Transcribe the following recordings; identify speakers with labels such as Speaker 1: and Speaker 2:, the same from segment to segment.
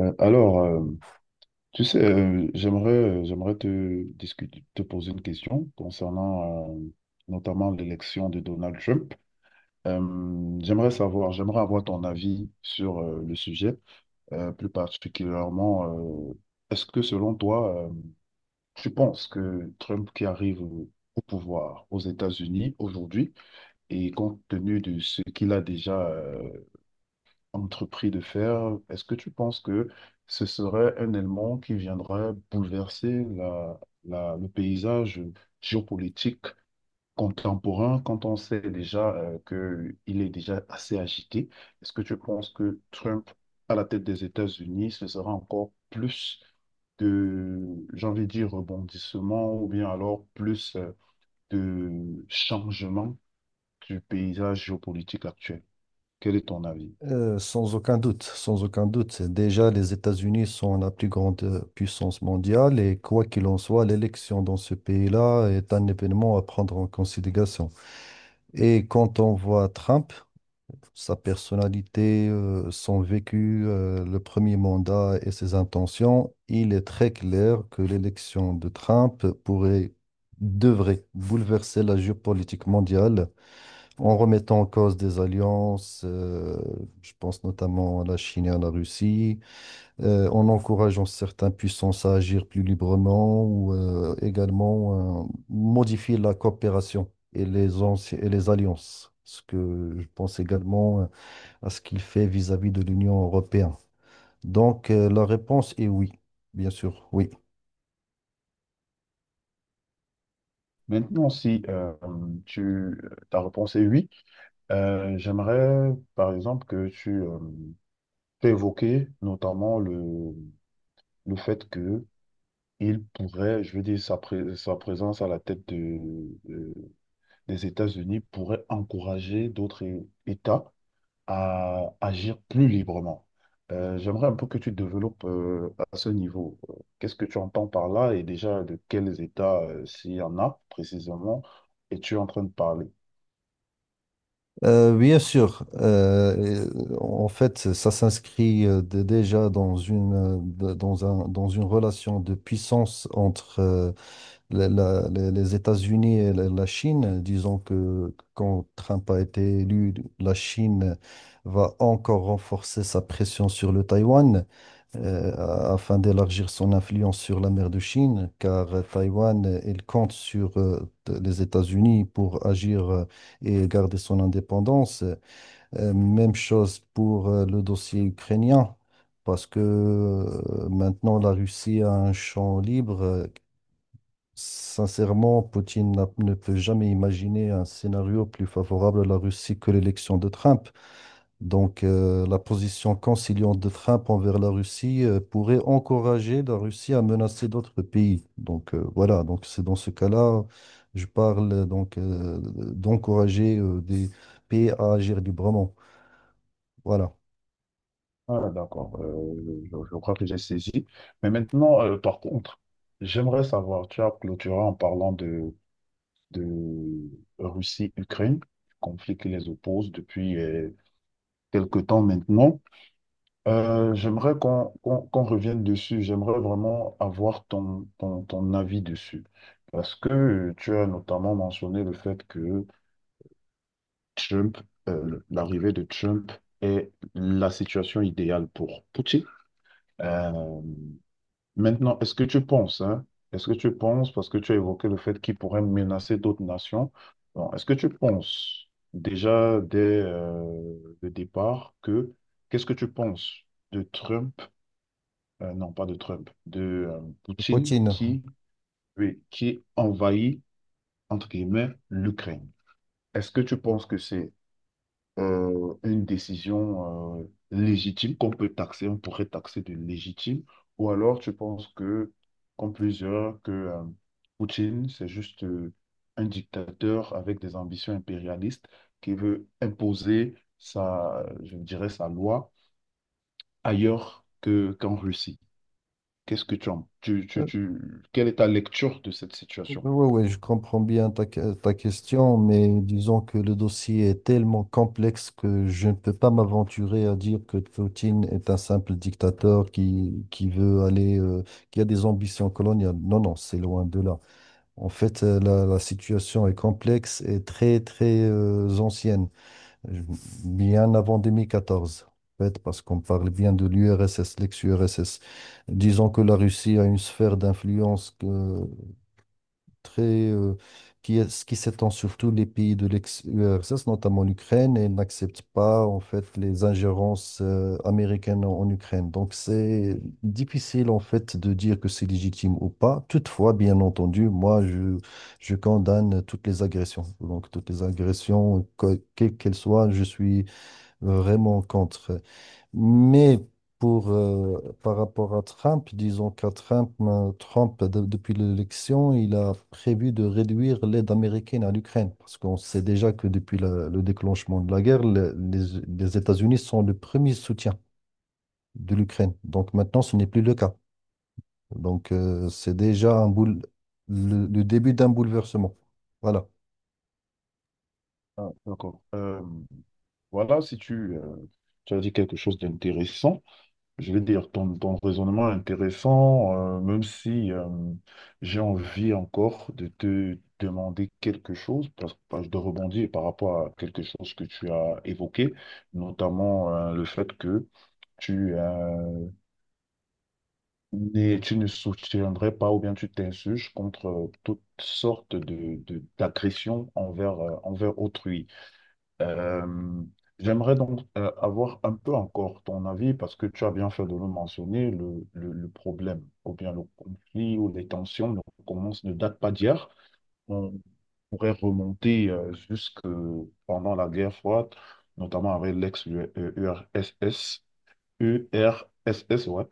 Speaker 1: Euh, Alors, euh, j'aimerais te discuter, te poser une question concernant notamment l'élection de Donald Trump. J'aimerais savoir, j'aimerais avoir ton avis sur le sujet. Plus particulièrement, est-ce que selon toi, tu penses que Trump qui arrive au pouvoir aux États-Unis aujourd'hui et compte tenu de ce qu'il a déjà entrepris de faire, est-ce que tu penses que ce serait un élément qui viendrait bouleverser le paysage géopolitique contemporain quand on sait déjà qu'il est déjà assez agité? Est-ce que tu penses que Trump, à la tête des États-Unis, ce sera encore plus de, j'ai envie de dire, rebondissement ou bien alors plus de changement du paysage géopolitique actuel? Quel est ton avis?
Speaker 2: Sans aucun doute, sans aucun doute. Déjà, les États-Unis sont la plus grande puissance mondiale et quoi qu'il en soit, l'élection dans ce pays-là est un événement à prendre en considération. Et quand on voit Trump, sa personnalité, son vécu, le premier mandat et ses intentions, il est très clair que l'élection de Trump pourrait, devrait bouleverser la géopolitique mondiale en remettant en cause des alliances, je pense notamment à la Chine et à la Russie, en encourageant certaines puissances à agir plus librement ou également modifier la coopération et et les alliances. Ce que je pense également à ce qu'il fait vis-à-vis de l'Union européenne. Donc, la réponse est oui, bien sûr, oui.
Speaker 1: Maintenant, si tu, euh, ta réponse est oui, j'aimerais par exemple que tu t'aies évoqué notamment le fait que il pourrait, je veux dire, sa présence à la tête de- des États-Unis pourrait encourager d'autres États à agir plus librement. J'aimerais un peu que tu développes à ce niveau. Qu'est-ce que tu entends par là et déjà de quels États, s'il y en a précisément, es-tu en train de parler?
Speaker 2: Bien sûr, et, en fait, ça s'inscrit déjà dans dans dans une relation de puissance entre les États-Unis et la Chine. Disons que quand Trump a été élu, la Chine va encore renforcer sa pression sur le Taïwan afin d'élargir son influence sur la mer de Chine, car Taïwan, elle compte sur les États-Unis pour agir et garder son indépendance. Même chose pour le dossier ukrainien, parce que maintenant la Russie a un champ libre. Sincèrement, Poutine n'a- ne peut jamais imaginer un scénario plus favorable à la Russie que l'élection de Trump. Donc, la position conciliante de Trump envers la Russie pourrait encourager la Russie à menacer d'autres pays. Donc, voilà, donc c'est dans ce cas-là, je parle donc d'encourager des pays à agir librement. Voilà.
Speaker 1: Ah, d'accord. Je crois que j'ai saisi. Mais maintenant, par contre, j'aimerais savoir, tu as clôturé en parlant de Russie-Ukraine, conflit qui les oppose depuis quelque temps maintenant. J'aimerais qu'on revienne dessus. J'aimerais vraiment avoir ton avis dessus. Parce que tu as notamment mentionné le fait que Trump, l'arrivée de Trump est la situation idéale pour Poutine. Euh, Maintenant, est-ce que tu penses, hein, est-ce que tu penses, parce que tu as évoqué le fait qu'il pourrait menacer d'autres nations, bon, est-ce que tu penses déjà dès le départ que, qu'est-ce que tu penses de Trump, non pas de Trump, de Poutine
Speaker 2: Poutine.
Speaker 1: qui, oui, qui envahit, entre guillemets, l'Ukraine? Est-ce que tu penses que c'est une décision légitime qu'on peut taxer, on pourrait taxer de légitime, ou alors tu penses que, comme plusieurs, que Poutine, c'est juste un dictateur avec des ambitions impérialistes qui veut imposer sa, je dirais, sa loi ailleurs qu'en Russie. Qu'est-ce que tu en, quelle est ta lecture de cette
Speaker 2: Oui,
Speaker 1: situation?
Speaker 2: oui, je comprends bien ta question, mais disons que le dossier est tellement complexe que je ne peux pas m'aventurer à dire que Poutine est un simple dictateur qui veut aller, qui a des ambitions coloniales. Non, non, c'est loin de là. En fait, la situation est complexe et très, très, ancienne, Je- bien avant 2014. En fait, parce qu'on parle bien de l'URSS, l'ex-URSS. Disons que la Russie a une sphère d'influence très, euh, qui s'étend sur tous les pays de l'ex-URSS, notamment l'Ukraine, et n'accepte pas en fait les ingérences américaines en Ukraine. Donc c'est difficile en fait de dire que c'est légitime ou pas. Toutefois, bien entendu, je condamne toutes les agressions. Donc toutes les agressions, quelles qu'elles soient, je suis vraiment contre. Mais pour, par rapport à Trump, disons Trump, depuis l'élection, il a prévu de réduire l'aide américaine à l'Ukraine. Parce qu'on sait déjà que depuis le déclenchement de la guerre, les États-Unis sont le premier soutien de l'Ukraine. Donc maintenant, ce n'est plus le cas. Donc c'est déjà le début d'un bouleversement. Voilà.
Speaker 1: Ah, d'accord. Voilà, si tu, tu as dit quelque chose d'intéressant. Je vais dire, ton raisonnement est intéressant, même si j'ai envie encore de te demander quelque chose, parce que de rebondir par rapport à quelque chose que tu as évoqué, notamment le fait que tu, euh, tu ne soutiendrais pas ou bien tu t'insurges contre toutes sortes d'agressions envers, envers autrui. Euh, j'aimerais donc avoir un peu encore ton avis parce que tu as bien fait de le mentionner, le problème ou bien le conflit ou les tensions ne commencent, ne datent pas d'hier. On pourrait remonter jusque pendant la guerre froide, notamment avec l'ex-URSS, URSS, ouais,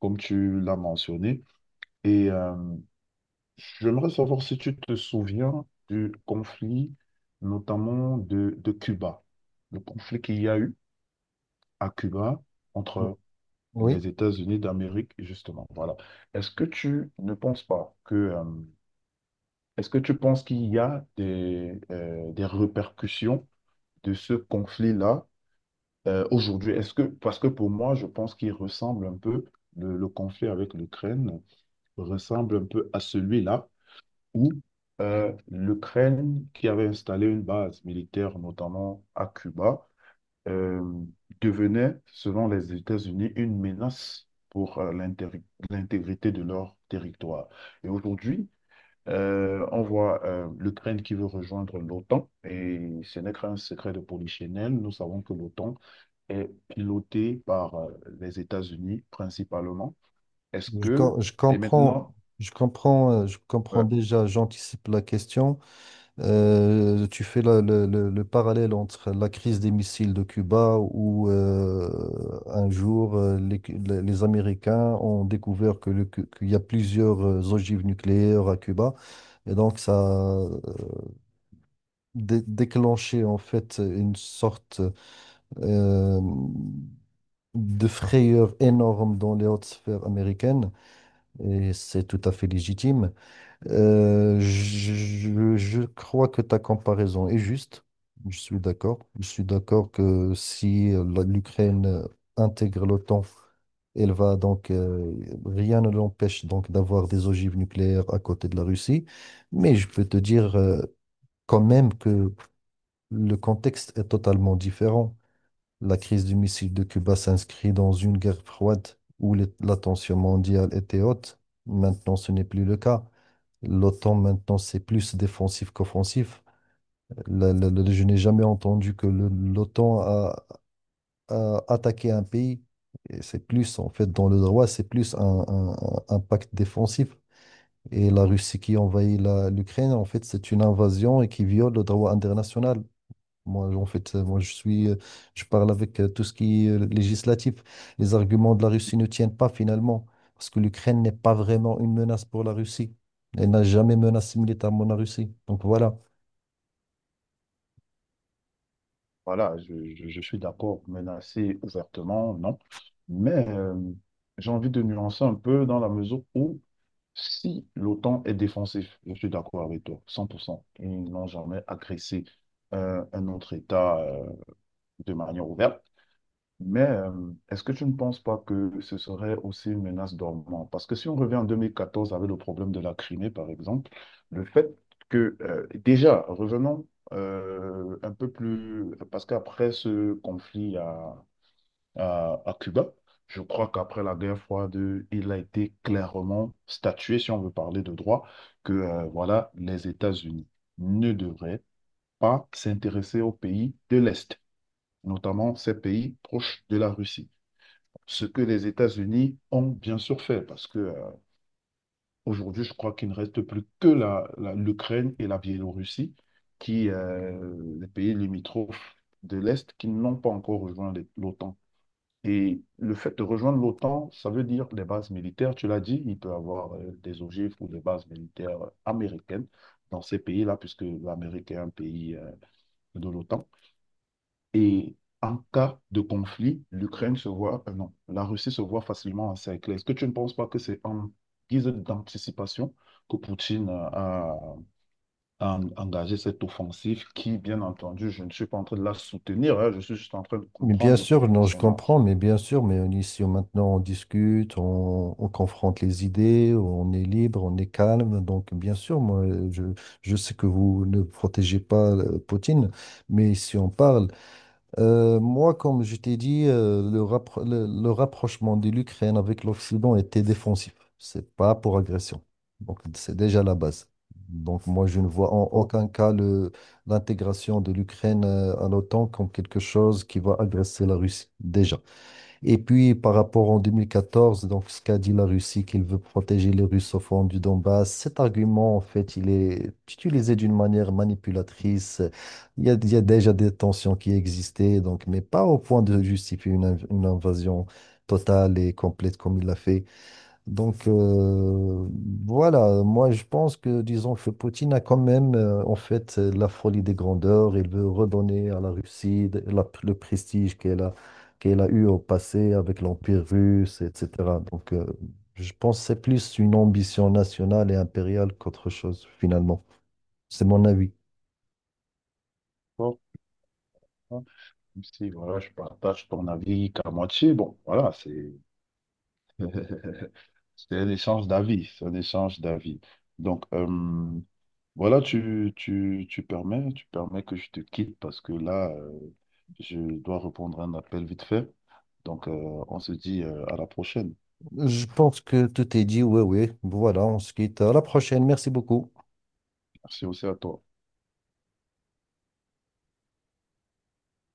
Speaker 1: comme tu l'as mentionné. Et j'aimerais savoir si tu te souviens du conflit, notamment de Cuba, le conflit qu'il y a eu à Cuba
Speaker 2: Oh,
Speaker 1: entre
Speaker 2: oui.
Speaker 1: les États-Unis d'Amérique, justement. Voilà. Est-ce que tu ne penses pas que, est-ce que tu penses qu'il y a des répercussions de ce conflit-là aujourd'hui? Est-ce que, parce que pour moi, je pense qu'il ressemble un peu, le conflit avec l'Ukraine ressemble un peu à celui-là ou l'Ukraine, qui avait installé une base militaire notamment à Cuba, euh, devenait, selon les États-Unis, une menace pour l'intégrité de leur territoire. Et aujourd'hui, on voit l'Ukraine qui veut rejoindre l'OTAN, et ce n'est qu'un secret de polichinelle. Nous savons que l'OTAN est pilotée par les États-Unis principalement. Est-ce que,
Speaker 2: Je
Speaker 1: et
Speaker 2: comprends,
Speaker 1: maintenant,
Speaker 2: je comprends, je comprends
Speaker 1: euh,
Speaker 2: déjà, j'anticipe la question. Tu fais le parallèle entre la crise des missiles de Cuba où un jour les Américains ont découvert qu'il y a plusieurs ogives nucléaires à Cuba et donc ça a déclenché en fait une sorte euh, de frayeur énorme dans les hautes sphères américaines et c'est tout à fait légitime. Je crois que ta comparaison est juste. Je suis d'accord. Je suis d'accord que si l'Ukraine intègre l'OTAN, elle va donc rien ne l'empêche donc d'avoir des ogives nucléaires à côté de la Russie. Mais je peux te dire quand même que le contexte est totalement différent. La crise du missile de Cuba s'inscrit dans une guerre froide où la tension mondiale était haute. Maintenant, ce n'est plus le cas. L'OTAN, maintenant, c'est plus défensif qu'offensif. Je n'ai jamais entendu que l'OTAN a attaqué un pays. Et c'est plus, en fait, dans le droit, c'est plus un pacte défensif. Et la Russie qui envahit l'Ukraine, en fait, c'est une invasion et qui viole le droit international. Moi, en fait, je suis, je parle avec tout ce qui est législatif. Les arguments de la Russie ne tiennent pas finalement, parce que l'Ukraine n'est pas vraiment une menace pour la Russie. Elle n'a jamais menacé militairement la Russie. Donc voilà.
Speaker 1: voilà, je suis d'accord, menacer ouvertement, non. Mais j'ai envie de nuancer un peu dans la mesure où, si l'OTAN est défensif, je suis d'accord avec toi, 100%. Ils n'ont jamais agressé un autre État de manière ouverte. Mais est-ce que tu ne penses pas que ce serait aussi une menace dormante? Parce que si on revient en 2014 avec le problème de la Crimée, par exemple, le fait que, déjà, revenons un peu plus, parce qu'après ce conflit à Cuba, je crois qu'après la guerre froide, il a été clairement statué, si on veut parler de droit, que voilà, les États-Unis ne devraient pas s'intéresser aux pays de l'Est, notamment ces pays proches de la Russie, ce que les États-Unis ont bien sûr fait, parce que aujourd'hui, je crois qu'il ne reste plus que l'Ukraine et la Biélorussie, qui, les pays limitrophes de l'Est, qui n'ont pas encore rejoint l'OTAN. Et le fait de rejoindre l'OTAN, ça veut dire des bases militaires, tu l'as dit, il peut y avoir des ogives ou des bases militaires américaines dans ces pays-là, puisque l'Amérique est un pays de l'OTAN. Et en cas de conflit, l'Ukraine se voit, non, la Russie se voit facilement encerclée. Est-ce que tu ne penses pas que c'est en guise d'anticipation que Poutine a engagé cette offensive qui, bien entendu, je ne suis pas en train de la soutenir, hein, je suis juste en train de
Speaker 2: Mais bien
Speaker 1: comprendre le
Speaker 2: sûr, non, je comprends,
Speaker 1: personnage.
Speaker 2: mais bien sûr, ici, maintenant, on discute, on confronte les idées, on est libre, on est calme. Donc bien sûr, je sais que vous ne protégez pas Poutine, mais si on parle, moi, comme je t'ai dit, le rapprochement de l'Ukraine avec l'Occident était défensif. C'est pas pour agression. Donc, c'est déjà la base. Donc, moi, je ne vois en
Speaker 1: Oh,
Speaker 2: aucun cas l'intégration de l'Ukraine à l'OTAN comme quelque chose qui va agresser la Russie, déjà. Et puis, par rapport en 2014, donc, ce qu'a dit la Russie, qu'il veut protéger les russophones du Donbass, cet argument, en fait, il est utilisé d'une manière manipulatrice. Il y a déjà des tensions qui existaient, donc, mais pas au point de justifier une invasion totale et complète comme il l'a fait. Donc voilà, moi je pense que disons que Poutine a quand même en fait la folie des grandeurs. Il veut redonner à la Russie le prestige qu'elle a, qu'elle a eu au passé avec l'Empire russe, etc. Donc je pense que c'est plus une ambition nationale et impériale qu'autre chose finalement. C'est mon avis.
Speaker 1: oh, oh. Même si voilà, je partage ton avis qu'à moitié, bon, voilà, c'est... C'est un échange d'avis, c'est un échange d'avis. Donc, voilà, tu permets que je te quitte parce que là, je dois répondre à un appel vite fait. Donc, on se dit à la prochaine.
Speaker 2: Je pense que tout est dit. Oui, oui. Voilà, on se quitte. À la prochaine. Merci beaucoup.
Speaker 1: Merci aussi à toi.